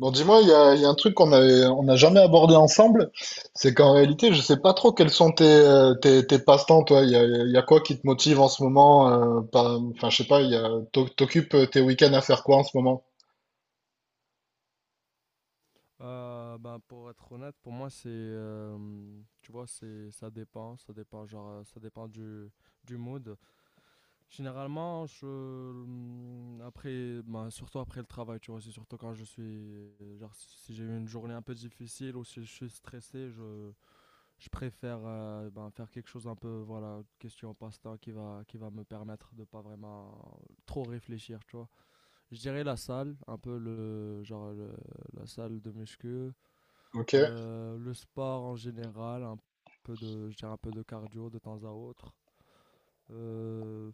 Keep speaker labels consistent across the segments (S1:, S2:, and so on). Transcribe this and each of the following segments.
S1: Bon, dis-moi, il y a un truc on n'a jamais abordé ensemble, c'est qu'en réalité, je sais pas trop quels sont tes passe-temps, toi. Il y a quoi qui te motive en ce moment, enfin, je sais pas, il y a, t'occupes tes week-ends à faire quoi en ce moment?
S2: Pour être honnête, pour moi, tu vois, ça dépend, ça dépend, ça dépend du mood. Généralement, après, ben, surtout après le travail, tu vois, c'est surtout quand je suis, genre, si j'ai eu une journée un peu difficile ou si je suis stressé, je préfère, ben, faire quelque chose un peu, voilà, question passe-temps qui va me permettre de pas vraiment trop réfléchir, tu vois. Je dirais la salle, un peu la salle de muscu.
S1: Ok.
S2: Le sport en général, un peu de, je dirais un peu de cardio de temps à autre. Euh,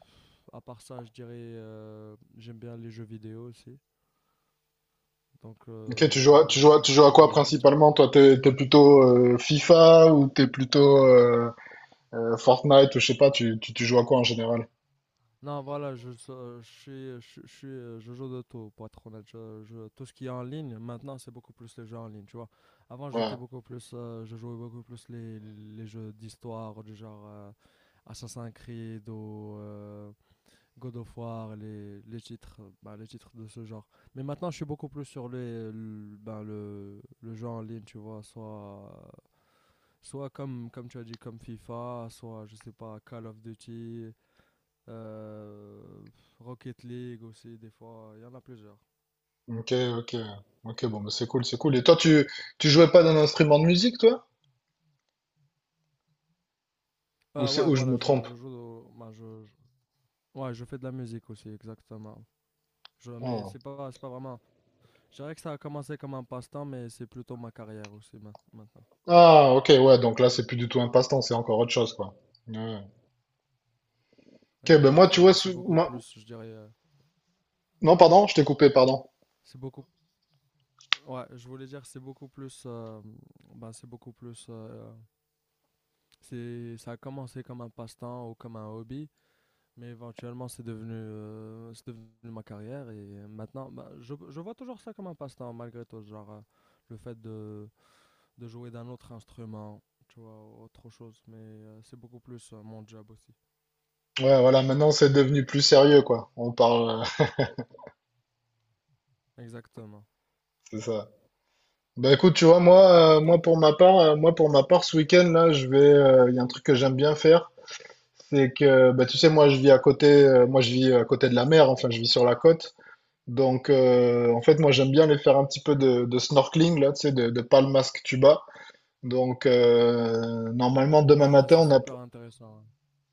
S2: à part ça, je dirais, j'aime bien les jeux vidéo aussi. Donc
S1: Ok, tu joues à, tu
S2: euh,
S1: joues à, tu joues à quoi
S2: voilà, je dirais.
S1: principalement? Toi, t'es plutôt FIFA ou t'es plutôt Fortnite ou je sais pas, tu joues à quoi en général?
S2: Non, voilà, je suis, je suis, je joue de tout, pour être honnête. Tout ce qui est en ligne, maintenant, c'est beaucoup plus les jeux en ligne, tu vois. Avant,
S1: Ouais.
S2: j'étais beaucoup plus, je jouais beaucoup plus les jeux d'histoire, du genre Assassin's Creed ou God of War, les titres, bah, les titres de ce genre. Mais maintenant, je suis beaucoup plus sur les, le, ben, le jeu en ligne, tu vois, soit comme tu as dit, comme FIFA, soit, je sais pas, Call of Duty, euh, Rocket League aussi, des fois, il y en a plusieurs.
S1: Ok, ok. Ok, bon, bah, c'est cool, c'est cool. Et toi, tu jouais pas d'un instrument de musique, toi? Ou c'est,
S2: Ouais,
S1: ou je me
S2: voilà,
S1: trompe?
S2: je joue, ouais, je fais de la musique aussi, exactement. Je, mais
S1: Ah.
S2: c'est pas vraiment, je dirais que ça a commencé comme un passe-temps, mais c'est plutôt ma carrière aussi, maintenant.
S1: Ah, ok, ouais, donc là, c'est plus du tout un passe-temps, c'est encore autre chose, quoi. Ouais. Ok, ben moi, tu vois,
S2: Exactement, c'est
S1: sou-
S2: beaucoup
S1: moi-
S2: plus, je dirais.
S1: Non, pardon, je t'ai coupé, pardon.
S2: C'est beaucoup. Ouais, je voulais dire, c'est beaucoup plus. C'est, ça a commencé comme un passe-temps ou comme un hobby, mais éventuellement, c'est devenu ma carrière. Et maintenant, ben, je vois toujours ça comme un passe-temps, malgré tout. Genre, le fait de jouer d'un autre instrument, tu vois, autre chose. Mais c'est beaucoup plus mon job aussi.
S1: Ouais, voilà, maintenant, c'est devenu plus sérieux, quoi. On parle,
S2: Exactement.
S1: c'est ça. Ben écoute, tu vois,
S2: Et
S1: moi,
S2: pour
S1: moi
S2: toi?
S1: pour ma part, moi pour ma part, ce week-end là, je vais, il y a un truc que j'aime bien faire, c'est que, bah, tu sais, moi, je vis à côté de la mer, enfin, je vis sur la côte, donc, en fait, moi, j'aime bien aller faire un petit peu de snorkeling là, tu sais, de palmasque tuba. Donc, normalement, demain
S2: Ah,
S1: matin,
S2: c'est
S1: on a
S2: super intéressant.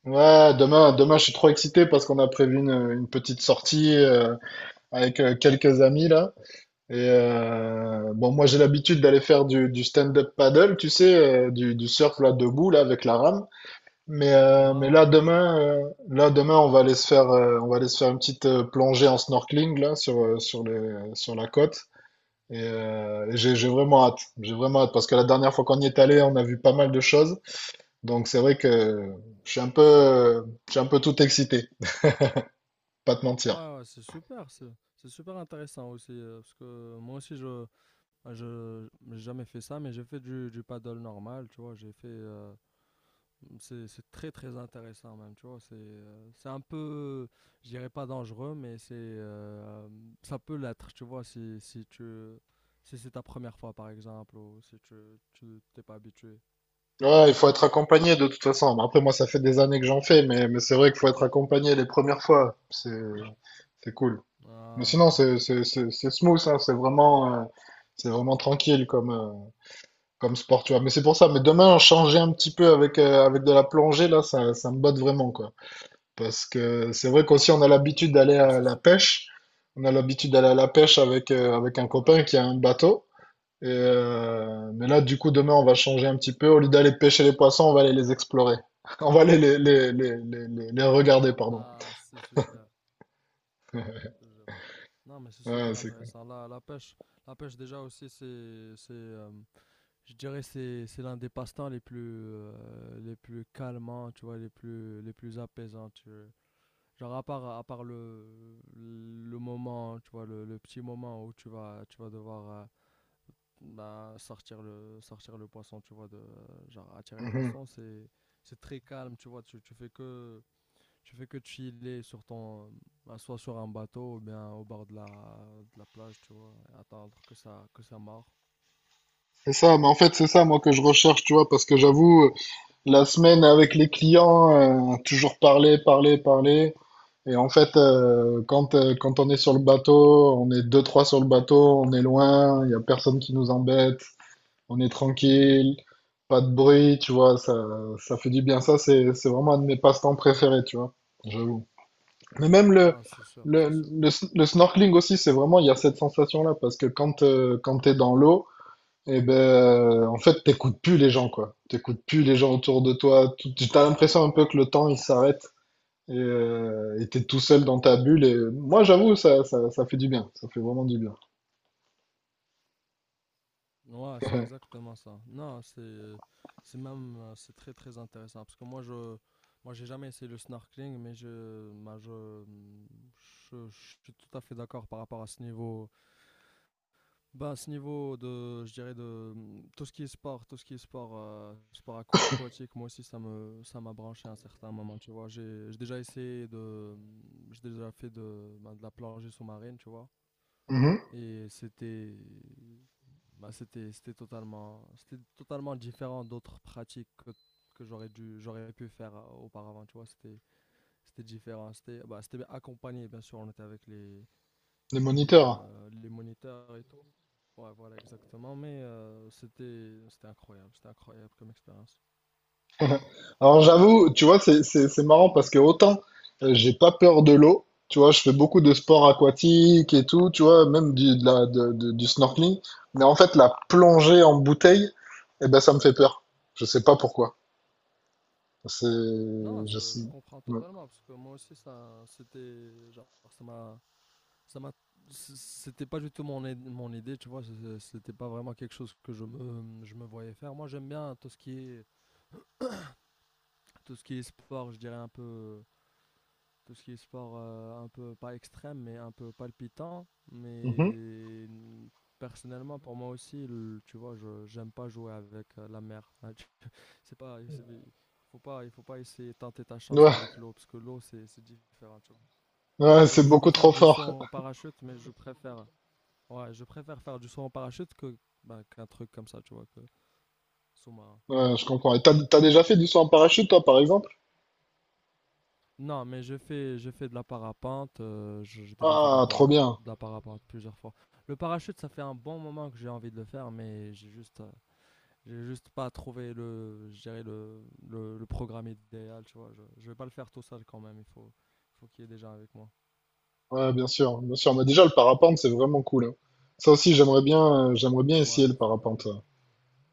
S1: ouais, demain, je suis trop excité parce qu'on a prévu une petite sortie avec quelques amis là. Et bon, moi, j'ai l'habitude d'aller faire du stand-up paddle, tu sais, du surf là debout là avec la rame. Mais euh,
S2: Ouais,
S1: mais
S2: ouais,
S1: là
S2: ouais, je vois.
S1: demain, euh, Là demain, on va aller se faire une petite plongée en snorkeling là sur sur les sur la côte. Et j'ai vraiment hâte parce que la dernière fois qu'on y est allé, on a vu pas mal de choses. Donc c'est vrai que je suis un peu tout excité. Pas te mentir.
S2: Ouais, ouais, c'est super, c'est super intéressant aussi, parce que moi aussi, je ben, je j'ai jamais fait ça, mais j'ai fait du paddle normal, tu vois, j'ai fait... c'est très très intéressant même, tu vois, c'est un peu, je dirais pas dangereux, mais c'est ça peut l'être, tu vois, si, si tu... Si c'est ta première fois, par exemple, ou si tu t'es pas habitué.
S1: Ouais, il faut être accompagné de toute façon. Bon, après, moi, ça fait des années que j'en fais, mais c'est vrai qu'il faut être accompagné les premières fois. C'est cool. Mais
S2: Ah, ok.
S1: sinon, c'est smooth, hein. C'est vraiment tranquille comme, comme sport, tu vois. Mais c'est pour ça. Mais demain, changer un petit peu avec, avec de la plongée, là, ça me botte vraiment, quoi. Parce que c'est vrai qu'aussi, on a l'habitude d'aller
S2: Ah,
S1: à
S2: c'est
S1: la
S2: super.
S1: pêche. On a l'habitude d'aller à la pêche avec, avec un
S2: Ah,
S1: copain
S2: ok.
S1: qui a un bateau. Et mais là, du coup, demain, on va changer un petit peu. Au lieu d'aller pêcher les poissons, on va aller les explorer. On va aller les regarder, pardon.
S2: Ah, c'est super, je te jure. Non, mais c'est
S1: Ouais,
S2: super
S1: c'est cool.
S2: intéressant. La pêche, la pêche déjà aussi, c'est, je dirais, c'est l'un des passe-temps les plus, les plus calmants, tu vois, les plus apaisants. Tu vois. Genre à part le moment, tu vois, le petit moment où tu vas devoir bah, sortir sortir le poisson, tu vois, de, genre attirer le
S1: Mhm.
S2: poisson, c'est très calme, tu vois. Tu, tu fais que chiller sur ton, bah, soit sur un bateau ou bien au bord de de la plage, tu vois, et attendre que ça marre.
S1: C'est ça, mais en fait, c'est ça, moi, que je recherche, tu vois, parce que j'avoue, la semaine avec les clients, toujours parler. Et en fait, quand on est sur le bateau, on est deux, trois sur le bateau, on est loin, il y a personne qui nous embête. On est tranquille, pas de bruit, tu vois, ça fait du bien. Ça, c'est vraiment un de mes passe-temps préférés, tu vois, j'avoue. Mais même
S2: Non, c'est sûr, c'est sûr.
S1: le snorkeling aussi, c'est vraiment, il y a cette sensation-là, parce que quand t'es dans l'eau, eh ben, en fait, t'écoutes plus les gens, quoi. T'écoutes plus les gens autour de toi. Tout- T'as l'impression un peu que le temps, il s'arrête. Et t'es tout seul dans ta bulle. Et moi, j'avoue, ça fait du bien. Ça fait vraiment du bien.
S2: Ouais, c'est exactement ça. Non, c'est même, c'est très très intéressant parce que moi j'ai jamais essayé le snorkeling, mais je, bah, je suis tout à fait d'accord par rapport à ce niveau. Bah, à ce niveau de, je dirais de tout ce qui est sport, tout ce qui est sport, sport aquatique, moi aussi ça m'a branché à un certain moment, tu vois. J'ai déjà essayé de, j'ai déjà fait de, bah, de la plongée sous-marine, tu vois.
S1: Mhm.
S2: Et c'était, bah, c'était, c'était totalement différent d'autres pratiques que, j'aurais pu faire auparavant, tu vois. C'était, c'était différent. C'était, bah, c'était accompagné, bien sûr. On était avec
S1: Les moniteurs.
S2: les moniteurs et tout. Ouais, voilà, exactement. Mais c'était, c'était incroyable comme expérience.
S1: Alors j'avoue, tu vois, c'est marrant parce que autant j'ai pas peur de l'eau, tu vois, je fais beaucoup de sports aquatiques et tout, tu vois, même du, de la, de- du snorkeling, mais en fait la plongée en bouteille, eh ben ça me fait peur. Je sais pas pourquoi. C'est,
S2: Non,
S1: je sais.
S2: je comprends
S1: Ouais,
S2: totalement parce que moi aussi, ça, c'était, genre, ça m'a, c'était pas du tout mon idée, tu vois. C'était pas vraiment quelque chose que je me voyais faire. Moi, j'aime bien tout ce qui est sport, je dirais un peu tout ce qui est sport un peu pas extrême mais un peu palpitant
S1: mhm.
S2: mais personnellement pour moi aussi tu vois je j'aime pas jouer avec la mer, hein, c'est pas il faut pas, essayer tenter ta chance
S1: Ouais,
S2: avec l'eau parce que l'eau c'est différent, tu vois,
S1: ouais, c'est
S2: je peux
S1: beaucoup
S2: faire
S1: trop
S2: du saut
S1: fort.
S2: en parachute mais je préfère ouais je préfère faire du saut en parachute que bah, qu'un truc comme ça, tu vois, que sous-marin.
S1: Ouais, je comprends. Et t'as déjà fait du saut en parachute, toi, par exemple?
S2: Non, mais je fais de la parapente. J'ai déjà fait de
S1: Ah, trop bien.
S2: de la parapente plusieurs fois. Le parachute, ça fait un bon moment que j'ai envie de le faire, mais j'ai juste pas trouvé le, je dirais le programme idéal. Tu vois, je vais pas le faire tout seul quand même. Faut qu'il y ait des gens avec moi.
S1: Ouais, bien sûr, bien sûr. Mais déjà le parapente, c'est vraiment cool, hein. Ça aussi, j'aimerais bien essayer
S2: Ouais,
S1: le
S2: c'est
S1: parapente,
S2: super.
S1: ouais.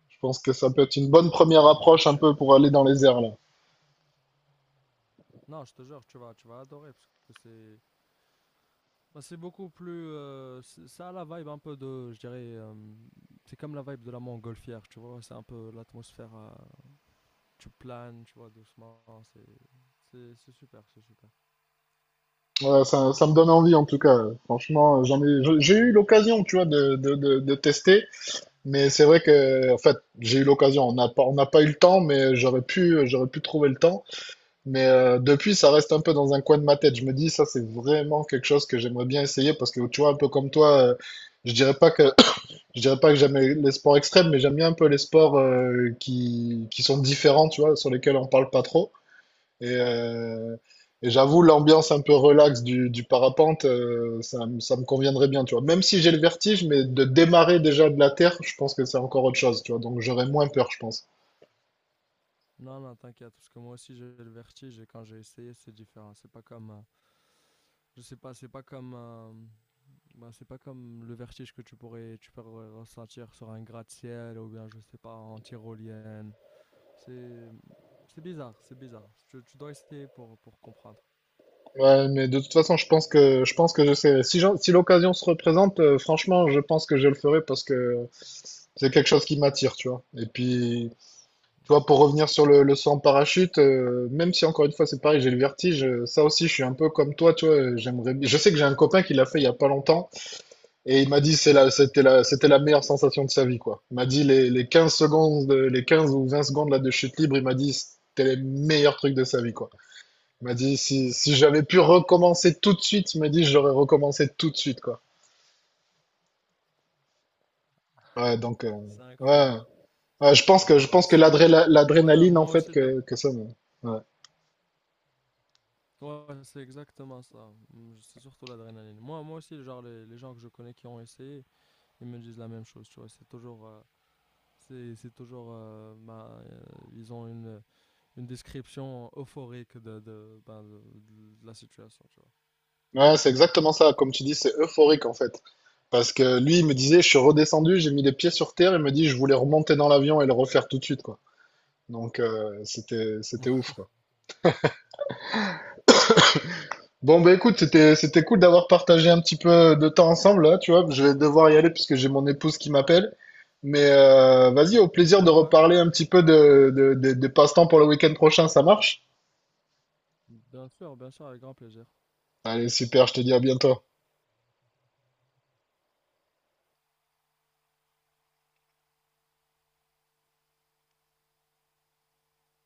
S1: Je pense que ça peut être une bonne première
S2: Non, non, c'est
S1: approche un
S2: très,
S1: peu
S2: très
S1: pour aller dans
S2: intéressant.
S1: les airs là.
S2: Non, je te jure, tu vas adorer parce que c'est, bah, c'est beaucoup plus, ça a la vibe un peu de, je dirais. C'est comme la vibe de la montgolfière, tu vois, c'est un peu l'atmosphère tu planes, tu vois, doucement. C'est super, c'est super.
S1: Ouais, ça me donne envie en tout cas. Franchement, j'ai eu l'occasion, tu vois, de tester, mais c'est vrai que, en fait, j'ai eu l'occasion. On n'a pas eu le temps, mais j'aurais pu trouver le temps. Mais depuis, ça reste un peu dans un coin de ma tête. Je me dis, ça, c'est vraiment quelque chose que j'aimerais bien essayer parce que, tu vois, un peu comme toi, je dirais pas que, je dirais pas que j'aime les sports extrêmes, mais j'aime bien un peu les sports qui sont différents, tu vois, sur lesquels on parle pas trop. Et,
S2: Ouais,
S1: euh, et j'avoue, l'ambiance un peu relax du parapente, ça me conviendrait bien, tu vois. Même si j'ai le vertige, mais de démarrer déjà de la terre, je pense que c'est encore autre chose, tu vois. Donc j'aurais moins peur, je pense.
S2: non, non, t'inquiète, parce que moi aussi j'ai le vertige et quand j'ai essayé, c'est différent. C'est pas comme, je sais pas, c'est pas comme, ben, c'est pas comme le vertige que tu peux ressentir sur un gratte-ciel ou bien, je sais pas, en tyrolienne. C'est, c'est bizarre, c'est bizarre. Tu dois essayer pour comprendre.
S1: Ouais, mais de toute façon, je pense que je sais. Si l'occasion se représente, franchement, je pense que je le ferai parce que c'est quelque chose qui m'attire, tu vois. Et puis, tu vois, pour revenir sur le saut en parachute, même si encore une fois, c'est pareil, j'ai le vertige, ça aussi, je suis un peu comme toi, tu vois. J'aimerais, je sais que j'ai un copain qui l'a fait il y a pas longtemps. Et il m'a dit
S2: Ah, ok.
S1: c'était la meilleure sensation de sa vie, quoi. Il m'a dit les 15 secondes, les 15 ou 20 secondes là de chute libre, il m'a dit c'était les meilleurs trucs de sa vie, quoi. Il m'a dit si j'avais pu recommencer tout de suite, il m'a dit
S2: Ouais.
S1: j'aurais recommencé tout de suite, quoi. Ouais, donc,
S2: C'est
S1: ouais.
S2: incroyable. C'est
S1: Ouais, je pense que,
S2: incroyable, ouais. C'est...
S1: l'adrénaline, en
S2: Moi
S1: fait,
S2: aussi,
S1: que ça me- ouais.
S2: ouais, c'est exactement ça. C'est surtout l'adrénaline. Moi, moi aussi, genre, les gens que je connais qui ont essayé, ils me disent la même chose, tu vois. C'est toujours, ils ont une description euphorique de la situation, tu vois.
S1: Ouais, c'est exactement ça. Comme tu dis, c'est euphorique, en fait. Parce que lui, il me disait, je suis redescendu, j'ai mis les pieds sur terre, il me dit, je voulais remonter dans l'avion et le refaire tout de suite, quoi. Donc, c'était, c'était ouf, quoi. Bon, bah
S2: Je te
S1: écoute,
S2: jure.
S1: c'était, c'était cool d'avoir partagé un petit peu de temps ensemble, là, tu vois. Je vais devoir y aller puisque j'ai mon épouse qui m'appelle. Mais vas-y, au plaisir de
S2: Ouais, ouais.
S1: reparler un petit peu des passe-temps pour le week-end prochain, ça marche?
S2: Bien sûr, avec grand plaisir.
S1: Allez, super, je te dis à bientôt.